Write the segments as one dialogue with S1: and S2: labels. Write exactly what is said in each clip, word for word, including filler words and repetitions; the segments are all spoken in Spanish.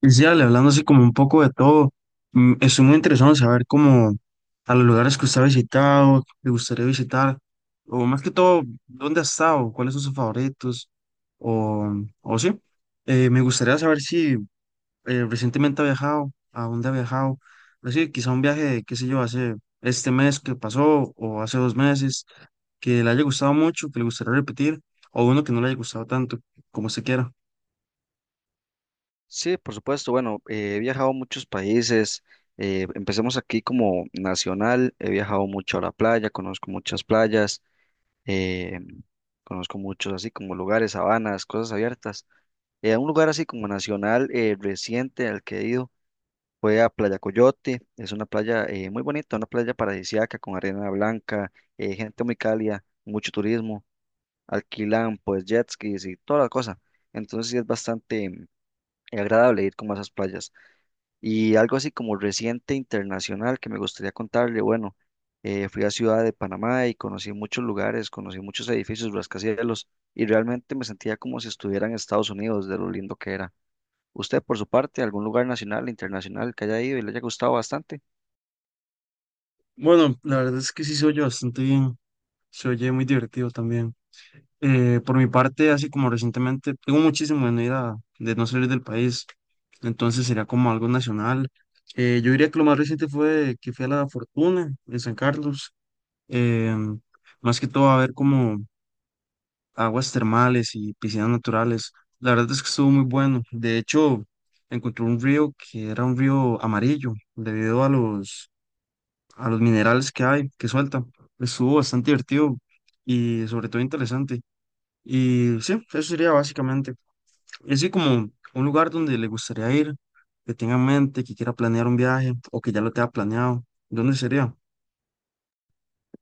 S1: Y sí, Ale, hablando así como un poco de todo, mm, estoy muy interesado en saber cómo a los lugares que usted ha visitado, que le gustaría visitar, o más que todo, dónde ha estado, cuáles son sus favoritos, o, o sí. Eh, me gustaría saber si eh, recientemente ha viajado, a dónde ha viajado, así, quizá un viaje, qué sé yo, hace este mes que pasó, o hace dos meses, que le haya gustado mucho, que le gustaría repetir, o uno que no le haya gustado tanto, como se quiera.
S2: Sí, por supuesto. Bueno, eh, he viajado a muchos países. Eh, empecemos aquí como nacional. He viajado mucho a la playa, conozco muchas playas, eh, conozco muchos así como lugares, sabanas, cosas abiertas. Eh, un lugar así como nacional eh, reciente al que he ido fue a Playa Coyote. Es una playa eh, muy bonita, una playa paradisíaca con arena blanca, eh, gente muy cálida, mucho turismo. Alquilan pues jet skis y toda la cosa. Entonces sí es bastante mm, agradable ir como a esas playas. Y algo así como reciente internacional que me gustaría contarle, bueno, eh, fui a Ciudad de Panamá y conocí muchos lugares, conocí muchos edificios, rascacielos, y realmente me sentía como si estuviera en Estados Unidos, de lo lindo que era. ¿Usted, por su parte, algún lugar nacional, internacional que haya ido y le haya gustado bastante?
S1: Bueno, la verdad es que sí se oye bastante bien. Se oye muy divertido también. Eh, por mi parte, así como recientemente, tengo muchísimo en ir a- de no salir del país, entonces sería como algo nacional. Eh, yo diría que lo más reciente fue que fui a La Fortuna en San Carlos, em, más que todo a ver como aguas termales y piscinas naturales. La verdad es que estuvo muy bueno. De hecho, encontré un río que era un río amarillo debido a los, a los minerales que hay, que suelta. Estuvo bastante divertido y sobre todo interesante. Y sí, eso sería básicamente. Y así como un lugar donde le gustaría ir, que tenga en mente, que quiera planear un viaje o que ya lo tenga planeado, ¿dónde sería?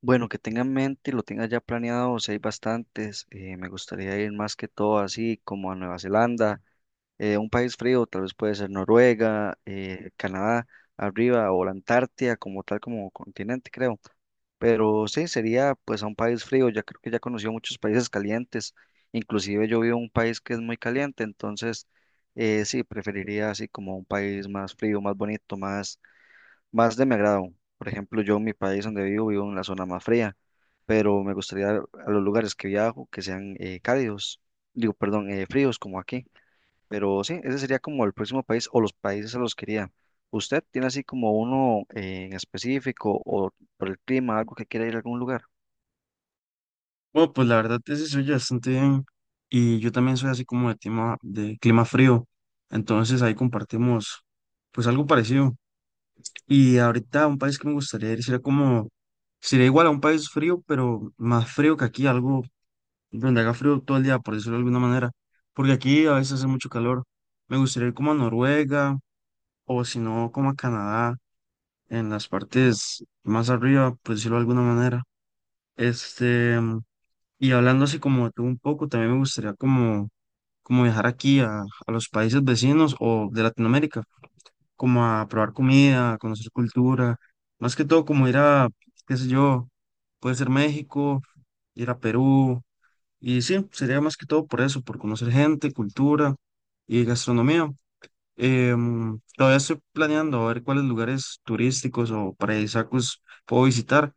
S2: Bueno, que tenga en mente y lo tenga ya planeado, si hay bastantes, eh, me gustaría ir más que todo así como a Nueva Zelanda, eh, un país frío, tal vez puede ser Noruega, eh, Canadá, arriba, o la Antártida como tal, como continente, creo. Pero sí, sería pues a un país frío, ya creo que ya conocí muchos países calientes, inclusive yo vivo en un país que es muy caliente, entonces eh, sí, preferiría así como un país más frío, más bonito, más, más de mi agrado. Por ejemplo, yo en mi país donde vivo, vivo en la zona más fría, pero me gustaría a los lugares que viajo que sean eh, cálidos, digo, perdón, eh, fríos como aquí. Pero sí, ese sería como el próximo país o los países a los que iría. ¿Usted tiene así como uno eh, en específico o por el clima, algo que quiera ir a algún lugar?
S1: Bueno, pues la verdad ese soy yo bastante bien y yo también soy así como de clima, de clima frío, entonces ahí compartimos pues algo parecido. Y ahorita un país que me gustaría ir sería como, sería igual a un país frío, pero más frío que aquí, algo donde haga frío todo el día, por decirlo de alguna manera, porque aquí a veces hace mucho calor. Me gustaría ir como a Noruega o si no, como a Canadá, en las partes más arriba, por decirlo de alguna manera. Este, y hablando así como de tú un poco, también me gustaría como, como viajar aquí a, a los países vecinos o de Latinoamérica, como a probar comida, a conocer cultura, más que todo como ir a, qué sé yo, puede ser México, ir a Perú. Y sí, sería más que todo por eso, por conocer gente, cultura y gastronomía. Em, todavía estoy planeando a ver cuáles lugares turísticos o paradisíacos puedo visitar,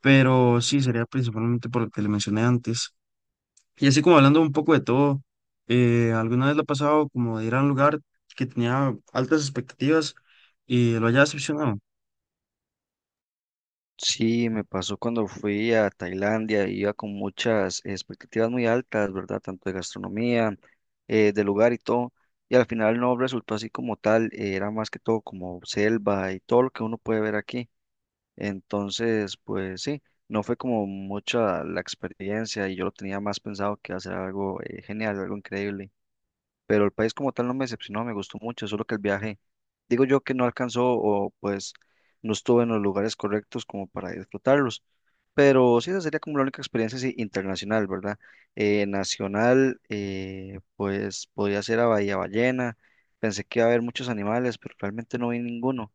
S1: pero sí, sería principalmente por lo que le mencioné antes. Y así como hablando un poco de todo, eh, ¿alguna vez lo ha pasado como de ir a un lugar que tenía altas expectativas y lo haya decepcionado?
S2: Sí, me pasó cuando fui a Tailandia, iba con muchas expectativas muy altas, ¿verdad? Tanto de gastronomía, eh, de lugar y todo, y al final no resultó así como tal, eh, era más que todo como selva y todo lo que uno puede ver aquí. Entonces, pues sí, no fue como mucha la experiencia y yo lo tenía más pensado que hacer algo eh, genial, algo increíble, pero el país como tal no me decepcionó, me gustó mucho, solo que el viaje, digo yo que no alcanzó o pues no estuve en los lugares correctos como para disfrutarlos, pero sí, esa sería como la única experiencia sí, internacional, ¿verdad? Eh, nacional, eh, pues podía ser a Bahía Ballena, pensé que iba a haber muchos animales, pero realmente no vi ninguno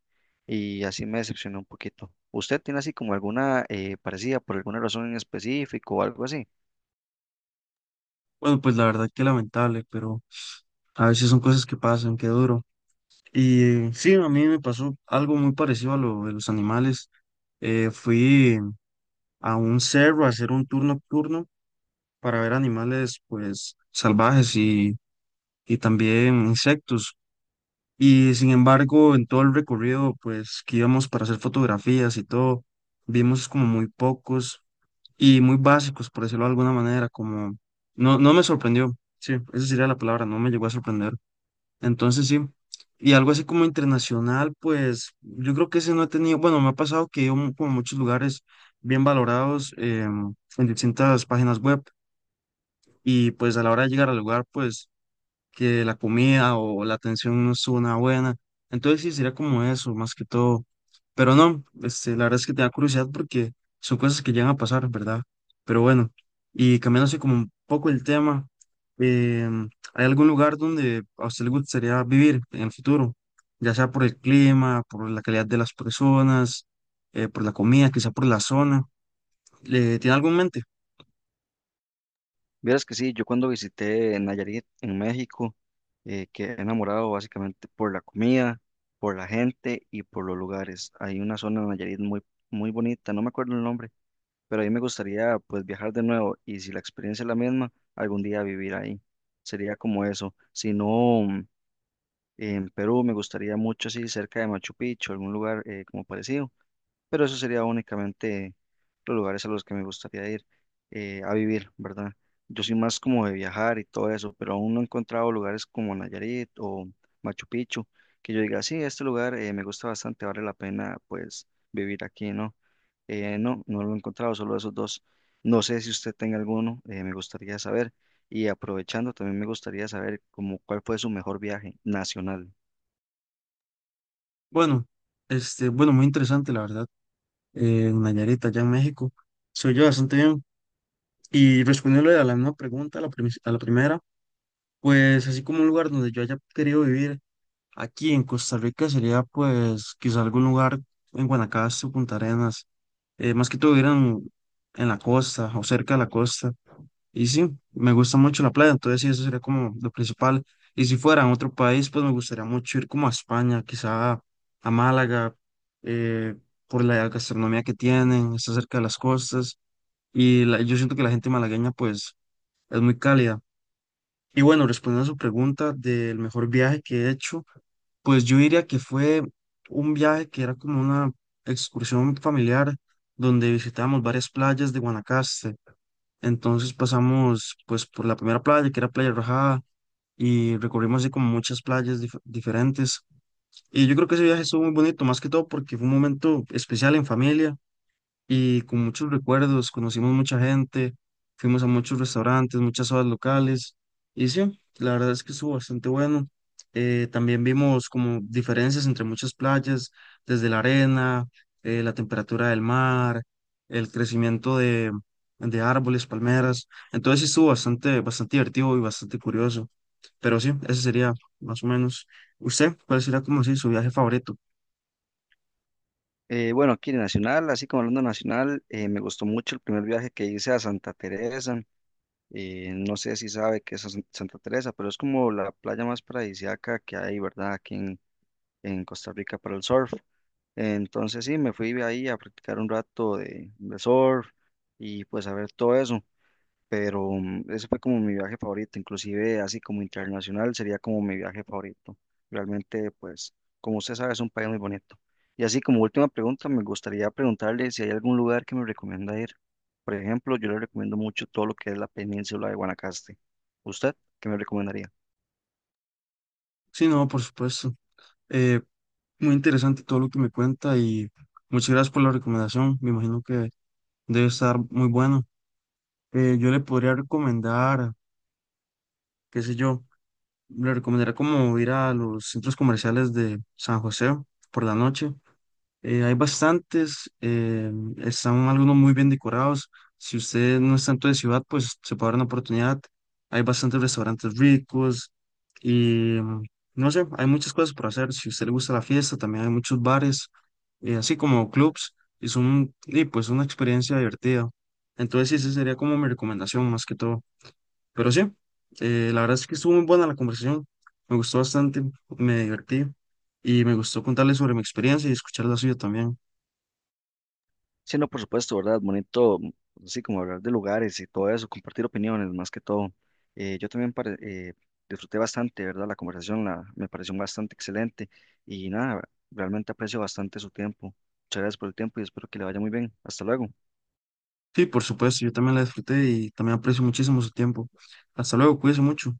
S2: y así me decepcionó un poquito. ¿Usted tiene así como alguna eh, parecida por alguna razón en específico o algo así?
S1: Bueno, pues la verdad que lamentable, pero a veces son cosas que pasan, que duro. Y sí, a mí me pasó algo muy parecido a lo de los animales. Eh, fui a un cerro a hacer un tour nocturno para ver animales pues salvajes y, y también insectos. Y sin embargo, en todo el recorrido pues que íbamos para hacer fotografías y todo, vimos como muy pocos y muy básicos, por decirlo de alguna manera, como no, no me sorprendió. Sí, esa sería la palabra, no me llegó a sorprender. Entonces sí, y algo así como internacional, pues yo creo que ese no he tenido, bueno, me ha pasado que he ido mu- como a muchos lugares bien valorados em, en distintas páginas web y pues a la hora de llegar al lugar, pues que la comida o la atención no estuvo nada buena. Entonces sí, sería como eso, más que todo. Pero no, este, la verdad es que te da curiosidad porque son cosas que llegan a pasar, ¿verdad? Pero bueno, y cambiándose como un poco el tema, em, ¿hay algún lugar donde a usted le gustaría vivir en el futuro? Ya sea por el clima, por la calidad de las personas, eh, por la comida, quizá por la zona. ¿Le tiene algo en mente?
S2: Vieras que sí, yo cuando visité Nayarit en México, eh, quedé enamorado básicamente por la comida, por la gente y por los lugares. Hay una zona en Nayarit muy, muy bonita, no me acuerdo el nombre, pero a mí me gustaría pues viajar de nuevo y si la experiencia es la misma, algún día vivir ahí. Sería como eso. Si no, en Perú me gustaría mucho así cerca de Machu Picchu, algún lugar eh, como parecido, pero eso sería únicamente los lugares a los que me gustaría ir eh, a vivir, ¿verdad? Yo soy más como de viajar y todo eso, pero aún no he encontrado lugares como Nayarit o Machu Picchu que yo diga, sí, este lugar eh, me gusta bastante, vale la pena pues vivir aquí, ¿no? Eh, no, no lo he encontrado, solo esos dos. No sé si usted tenga alguno, eh, me gustaría saber. Y aprovechando, también me gustaría saber como cuál fue su mejor viaje nacional.
S1: Bueno, este, bueno, muy interesante, la verdad. En Nayarit, allá en México. Soy yo bastante bien. Y respondiéndole a la misma pregunta, a la, primis- a la primera, pues así como un lugar donde yo haya querido vivir aquí en Costa Rica sería pues quizá algún lugar en Guanacaste o Punta Arenas, eh, más que todo vivieran en la costa o cerca de la costa. Y sí, me gusta mucho la playa, entonces sí, eso sería como lo principal. Y si fuera en otro país, pues me gustaría mucho ir como a España, quizá a Málaga, eh, por la gastronomía que tienen, está cerca de las costas. Y la- yo siento que la gente malagueña, pues, es muy cálida. Y bueno, respondiendo a su pregunta del mejor viaje que he hecho, pues yo diría que fue un viaje que era como una excursión familiar donde visitamos varias playas de Guanacaste. Entonces pasamos pues por la primera playa, que era Playa Rajada, y recorrimos así como muchas playas dif- diferentes. Y yo creo que ese viaje estuvo muy bonito, más que todo porque fue un momento especial en familia y con muchos recuerdos, conocimos mucha gente, fuimos a muchos restaurantes, muchas horas locales, y sí, la verdad es que estuvo bastante bueno. Eh, también vimos como diferencias entre muchas playas, desde la arena, eh, la temperatura del mar, el crecimiento de, de árboles, palmeras, entonces sí estuvo bastante, bastante divertido y bastante curioso, pero sí, ese sería más o menos. ¿Usted cuál sería como si su viaje favorito?
S2: Eh, bueno, aquí nacional, así como hablando nacional, eh, me gustó mucho el primer viaje que hice a Santa Teresa. Eh, no sé si sabe qué es San- Santa Teresa, pero es como la playa más paradisíaca que hay, ¿verdad? Aquí en, en Costa Rica para el surf. Entonces sí, me fui ahí a practicar un rato de, de surf y pues a ver todo eso, pero mm, ese fue como mi viaje favorito, inclusive así como internacional sería como mi viaje favorito. Realmente, pues, como usted sabe, es un país muy bonito. Y así como última pregunta, me gustaría preguntarle si hay algún lugar que me recomienda ir. Por ejemplo, yo le recomiendo mucho todo lo que es la península de Guanacaste. ¿Usted qué me recomendaría?
S1: Sí, no, por supuesto. Eh, Muy interesante todo lo que me cuenta y muchas gracias por la recomendación. Me imagino que debe estar muy bueno. Eh, yo le podría recomendar, qué sé yo, le recomendaría como ir a los centros comerciales de San José por la noche. Eh, hay bastantes, eh, están algunos muy bien decorados. Si usted no es tanto de ciudad, pues se puede dar una oportunidad. Hay bastantes restaurantes ricos y mm, no sé, hay muchas cosas por hacer. Si a usted le gusta la fiesta, también hay muchos bares, eh, así como clubs, y son, y pues una experiencia divertida. Entonces, sí, esa sería como mi recomendación más que todo. Pero sí, eh, la verdad es que estuvo muy buena la conversación, me gustó bastante, me divertí y me gustó contarle sobre mi experiencia y escuchar la suya también.
S2: Sí, no, por supuesto, ¿verdad? Bonito, así como hablar de lugares y todo eso, compartir opiniones más que todo. Eh, yo también pare- eh, disfruté bastante, ¿verdad? La conversación la, me pareció bastante excelente y nada, realmente aprecio bastante su tiempo. Muchas gracias por el tiempo y espero que le vaya muy bien. Hasta luego.
S1: Sí, por supuesto, yo también la disfruté y también aprecio muchísimo su tiempo. Hasta luego, cuídense mucho.